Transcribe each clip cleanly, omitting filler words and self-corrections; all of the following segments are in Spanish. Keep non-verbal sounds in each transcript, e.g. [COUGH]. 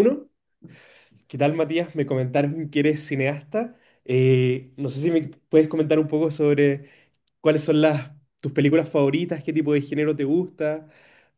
Uno, ¿qué tal, Matías? Me comentaron que eres cineasta. No sé si me puedes comentar un poco sobre cuáles son las, tus películas favoritas, qué tipo de género te gusta,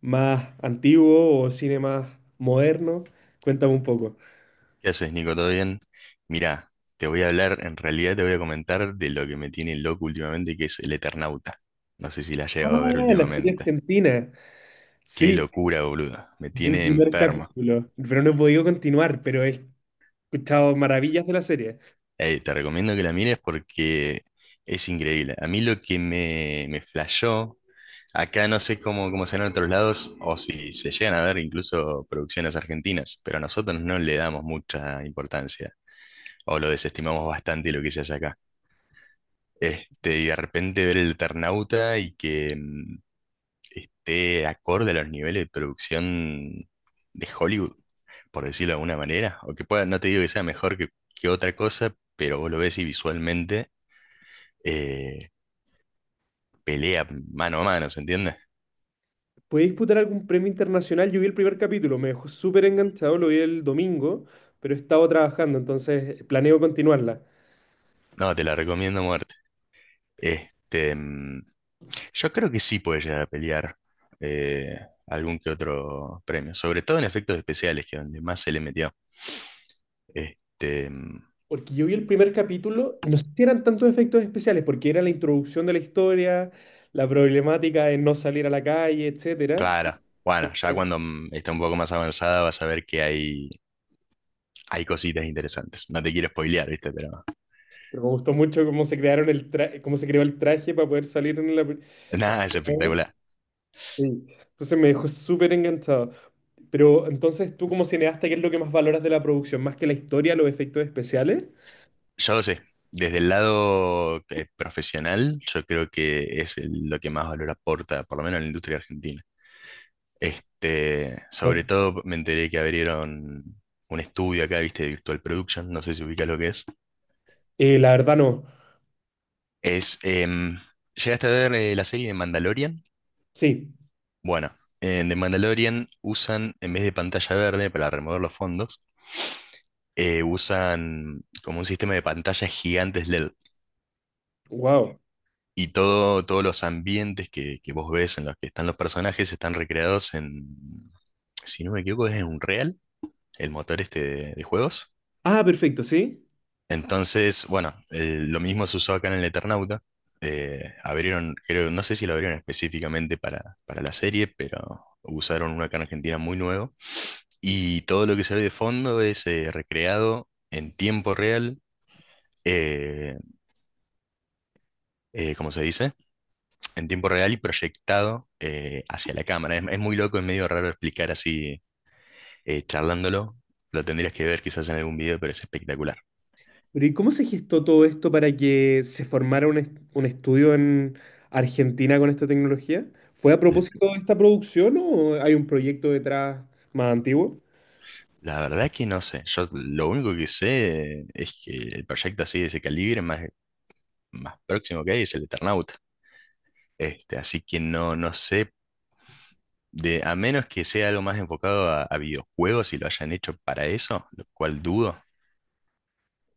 más antiguo o cine más moderno. Cuéntame un poco. ¿Qué haces, Nico? ¿Todo bien? Mirá, te voy a hablar, en realidad te voy a comentar de lo que me tiene loco últimamente, que es el Eternauta. No sé si la has Ah, llegado a ver la serie últimamente. argentina. Qué Sí, locura, boludo. Me vi el tiene primer enfermo. capítulo, pero no he podido continuar, pero he escuchado maravillas de la serie. Te recomiendo que la mires porque es increíble. A mí lo que me flashó, acá no sé cómo será en otros lados, o si se llegan a ver incluso producciones argentinas, pero a nosotros no le damos mucha importancia, o lo desestimamos bastante lo que se hace acá. Este, y de repente ver el Eternauta y que esté acorde a los niveles de producción de Hollywood, por decirlo de alguna manera, o que pueda, no te digo que sea mejor que otra cosa, pero vos lo ves y visualmente eh, pelea mano a mano, ¿se entiende? ¿Puede disputar algún premio internacional? Yo vi el primer capítulo, me dejó súper enganchado, lo vi el domingo, pero he estado trabajando, entonces planeo continuarla. No, te la recomiendo a muerte. Este, yo creo que sí puede llegar a pelear eh, algún que otro premio, sobre todo en efectos especiales, que es donde más se le metió. Este, Porque yo vi el primer capítulo y no sé si eran tantos efectos especiales, porque era la introducción de la historia, la problemática de no salir a la calle, etcétera. claro. Bueno, ya Entonces, cuando esté un poco más avanzada vas a ver que hay cositas interesantes. No te quiero spoilear, ¿viste? Pero pero me gustó mucho cómo se crearon el tra- cómo se creó el traje para poder salir en la... [LAUGHS] nada, es espectacular. Sí. Entonces me dejó súper enganchado. Pero entonces tú como cineasta, ¿qué es lo que más valoras de la producción? ¿Más que la historia, los efectos especiales? Yo no sé, desde el lado profesional, yo creo que lo que más valor aporta, por lo menos en la industria argentina. Este, sobre todo me enteré que abrieron un estudio acá, ¿viste? De Virtual Production, no sé si ubicas lo que es. La verdad no. Es, em, ¿Llegaste a ver la serie de Mandalorian? Sí, Bueno, en The Mandalorian usan, en vez de pantalla verde para remover los fondos, usan como un sistema de pantallas gigantes LED. wow. Y todos los ambientes que vos ves en los que están los personajes están recreados en, si no me equivoco, es en Unreal, el motor este de juegos. Ah, perfecto, sí. Entonces, bueno, lo mismo se usó acá en el Eternauta. Abrieron, creo, no sé si lo abrieron específicamente para, la serie, pero usaron uno acá en Argentina muy nuevo. Y todo lo que se ve de fondo es recreado en tiempo real, eh, ¿cómo se dice? En tiempo real y proyectado hacia la cámara. Es muy loco, es medio raro explicar así, charlándolo. Lo tendrías que ver quizás en algún video, pero es espectacular. Pero ¿y cómo se gestó todo esto para que se formara un estudio en Argentina con esta tecnología? ¿Fue a L- propósito de esta producción o hay un proyecto detrás más antiguo? La verdad que no sé. Yo lo único que sé es que el proyecto así de ese calibre más, próximo que hay es el Eternauta. Este, así que no, no sé. A menos que sea algo más enfocado a, videojuegos y lo hayan hecho para eso, lo cual dudo,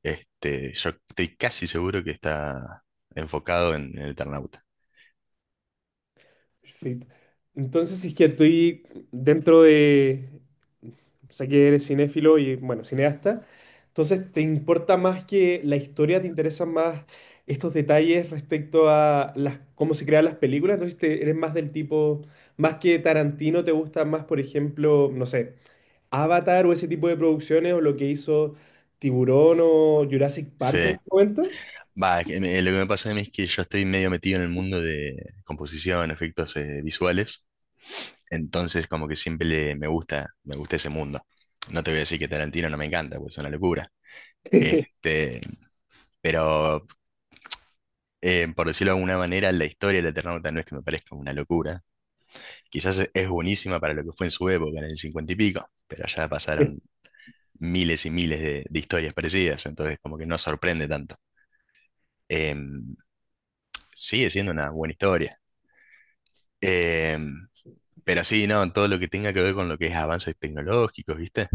este, yo estoy casi seguro que está enfocado en el Eternauta. Perfecto. Entonces, si es que estoy dentro de, sé que eres cinéfilo y, bueno, cineasta, entonces te importa más que la historia, te interesan más estos detalles respecto a cómo se crean las películas, entonces eres más del tipo, más que Tarantino, te gusta más, por ejemplo, no sé, Avatar o ese tipo de producciones o lo que hizo Tiburón o Jurassic Park en Sí. su momento. Va, lo que me pasa a mí es que yo estoy medio metido en el mundo de composición, efectos visuales, entonces como que siempre me gusta ese mundo. No te voy a decir que Tarantino no me encanta, pues es una locura. [LAUGHS] Este, pero por decirlo de alguna manera, la historia de Eternauta no es que me parezca una locura. Quizás es buenísima para lo que fue en su época, en el 50 y pico, pero ya pasaron miles y miles de historias parecidas, entonces como que no sorprende tanto. Em, Sigue siendo una buena historia. Em, pero sí, no, todo lo que tenga que ver con lo que es avances tecnológicos, ¿viste?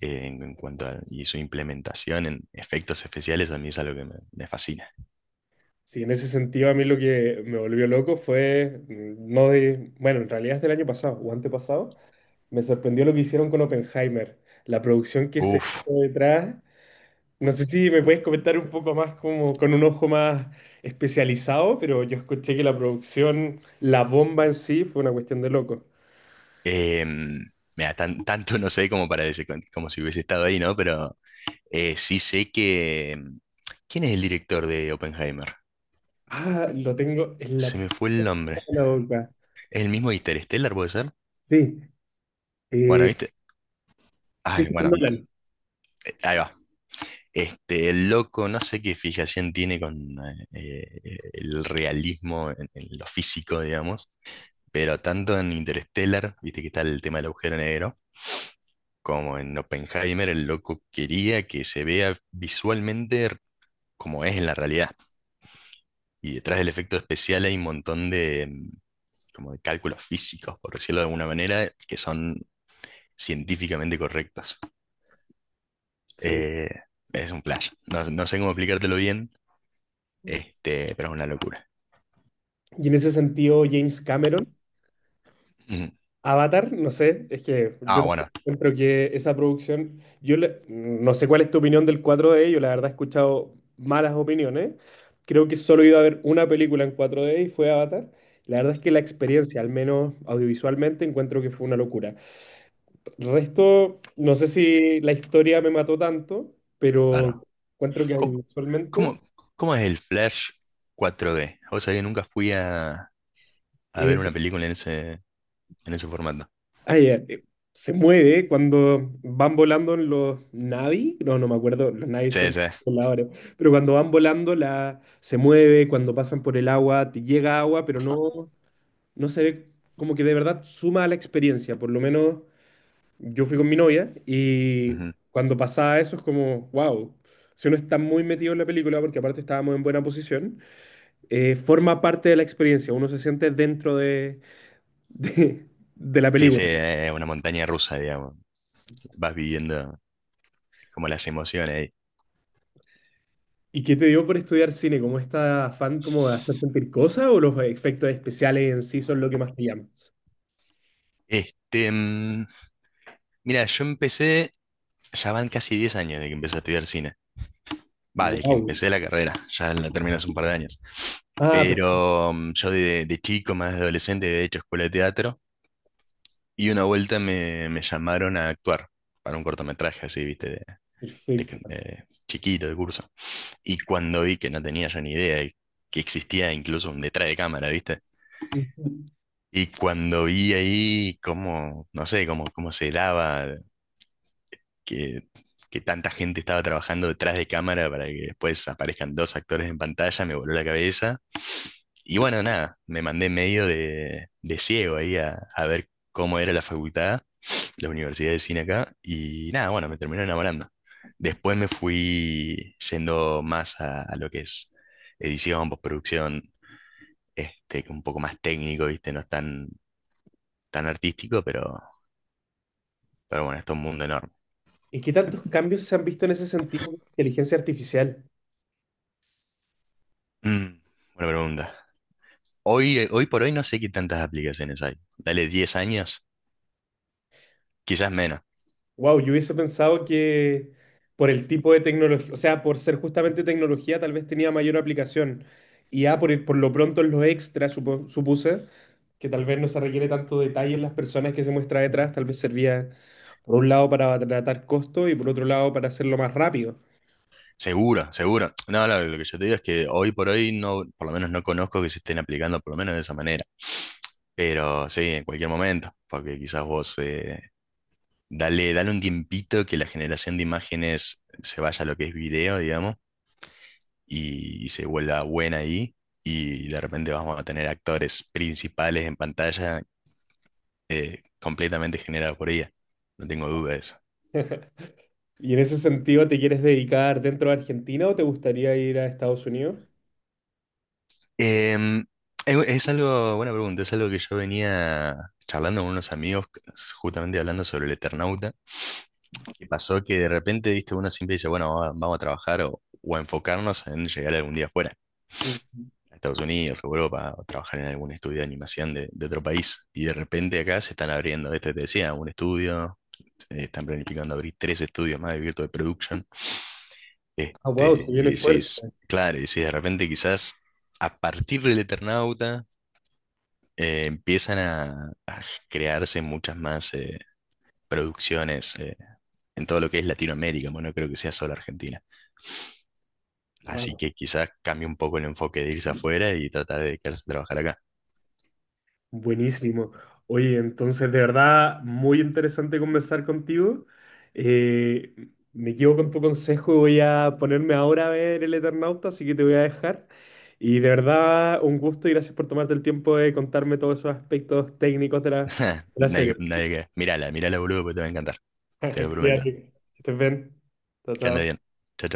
En cuanto a y su implementación en efectos especiales, a mí es algo que me fascina. Sí, en ese sentido a mí lo que me volvió loco fue, mm, no de, bueno, en realidad es del año pasado o antepasado, me sorprendió lo que hicieron con Oppenheimer, la producción que se Uf, hizo detrás. No sé si me puedes comentar un poco más como con un ojo más especializado, pero yo escuché que la producción, la bomba en sí, fue una cuestión de loco. em, mira, tanto no sé como para decir, como si hubiese estado ahí, ¿no? Pero sí sé que... ¿Quién es el director de Oppenheimer? Ah, lo tengo en la Se punta me fue el nombre. de la boca. ¿Es el mismo de Interstellar, puede ser? Sí, Bueno, eh, ¿viste? Ay, Christopher bueno, Nolan. Ahí va. Este, el loco, no sé qué fijación tiene con el realismo en, lo físico, digamos, pero tanto en Interstellar, viste que está el tema del agujero negro, como en Oppenheimer, el loco quería que se vea visualmente como es en la realidad. Y detrás del efecto especial hay un montón como de cálculos físicos, por decirlo de alguna manera, que son científicamente correctos. Sí. Eh, es un flash. No, no sé cómo explicártelo bien, este, pero es una locura. Y en ese sentido, James Cameron. Mm. Avatar, no sé, es que yo Ah, bueno, tampoco encuentro que esa producción, no sé cuál es tu opinión del cuatro d, yo la verdad he escuchado malas opiniones, creo que solo he ido a ver una película en cuatro d y fue Avatar, la verdad es que la experiencia, al menos audiovisualmente, encuentro que fue una locura. Resto, no sé si la historia me mató tanto, pero claro. encuentro que Co- audiovisualmente ¿Cómo, cómo es el flash 4D? O sea, que nunca fui a, eh, ver una película en ese formato. Ay, eh, eh, se mueve cuando van volando en los Navi, no, no me acuerdo, los Navi Sí, son sí. voladores, pero cuando van volando se mueve, cuando pasan por el agua, te llega agua, pero no, no se ve como que de verdad suma a la experiencia, por lo menos yo fui con mi novia y Ujú. cuando pasaba eso es como, wow, si uno está muy metido en la película, porque aparte estábamos en buena posición, forma parte de la experiencia, uno se siente dentro de, [LAUGHS] de la Sí, sí, película. Una montaña rusa, digamos. Vas viviendo como las emociones ahí. ¿Y qué te dio por estudiar cine? ¿Cómo esta afán como de hacer sentir cosas o los efectos especiales en sí son lo que más te llama? Este, mira, yo empecé. Ya van casi 10 años de que empecé a estudiar cine. Va, desde que Wow. empecé la carrera, ya la terminé hace un par de años. Ah, per- Pero yo de chico, más de adolescente, había hecho escuela de teatro y una vuelta me llamaron a actuar para un cortometraje así, viste, de, de- Perfecto. de chiquito, de curso. Y cuando vi que no tenía yo ni idea de que existía incluso un detrás de cámara, viste. Ujú. Y cuando vi ahí cómo, no sé, cómo se daba que, que tanta gente estaba trabajando detrás de cámara para que después aparezcan dos actores en pantalla, me voló la cabeza. Y bueno, nada, me mandé medio de, ciego ahí a ver cómo era la facultad, la Universidad de Cine acá, y nada, bueno, me terminé enamorando. Después me fui yendo más a, lo que es edición, postproducción, este, un poco más técnico, ¿viste? No es tan artístico, pero bueno, esto es todo un mundo enorme. ¿Y qué tantos cambios se han visto en ese sentido de inteligencia artificial? Mm, buena pregunta. Hoy por hoy no sé qué tantas aplicaciones hay. Dale 10 años, quizás menos. Wow, yo hubiese pensado que por el tipo de tecnología, o sea, por ser justamente tecnología, tal vez tenía mayor aplicación. Y a por, por lo pronto en los extras, supuse que tal vez no se requiere tanto detalle en las personas que se muestra detrás, tal vez servía por un lado para tratar costo y por otro lado para hacerlo más rápido. Seguro, seguro. No, no, lo que yo te digo es que hoy por hoy no, por lo menos no conozco que se estén aplicando por lo menos de esa manera. Pero sí, en cualquier momento, porque quizás vos dale, dale un tiempito que la generación de imágenes se vaya a lo que es video, digamos, y se vuelva buena ahí. Y de repente vamos a tener actores principales en pantalla completamente generados por ella. No tengo dudas. [LAUGHS] ¿Y en ese sentido te quieres dedicar dentro de Argentina o te gustaría ir a Estados Unidos? Em, es algo, buena pregunta, es algo que yo venía charlando con unos amigos, justamente hablando sobre el Eternauta, y pasó que de repente, viste, uno siempre dice, bueno, vamos a trabajar o, a enfocarnos en llegar algún día afuera, Mm. a Estados Unidos o Europa, o trabajar en algún estudio de animación de otro país, y de repente acá se están abriendo, este te decía, un estudio, están planificando abrir tres estudios más de Virtual Production, Ah, wow, este, se viene y fuerte. decís, claro, y decís, de repente quizás... A partir del Eternauta, empiezan a crearse muchas más producciones en todo lo que es Latinoamérica, bueno, no creo que sea solo Argentina. Así Wow. que quizás cambie un poco el enfoque de irse afuera y tratar de quedarse a trabajar acá. Buenísimo. Oye, entonces de verdad muy interesante conversar contigo. Eh, Me quedo con tu consejo, voy a ponerme ahora a ver El Eternauta, así que te voy a dejar. Y de verdad un gusto y gracias por tomarte el tiempo de contarme todos esos aspectos técnicos de de [LAUGHS] la Nadie, serie. nadie que... Mírala, mírala, boludo, porque te va a encantar, te lo [LAUGHS] prometo. Cuídate, que estés bien. Chao, Que ande chao. bien. Chau,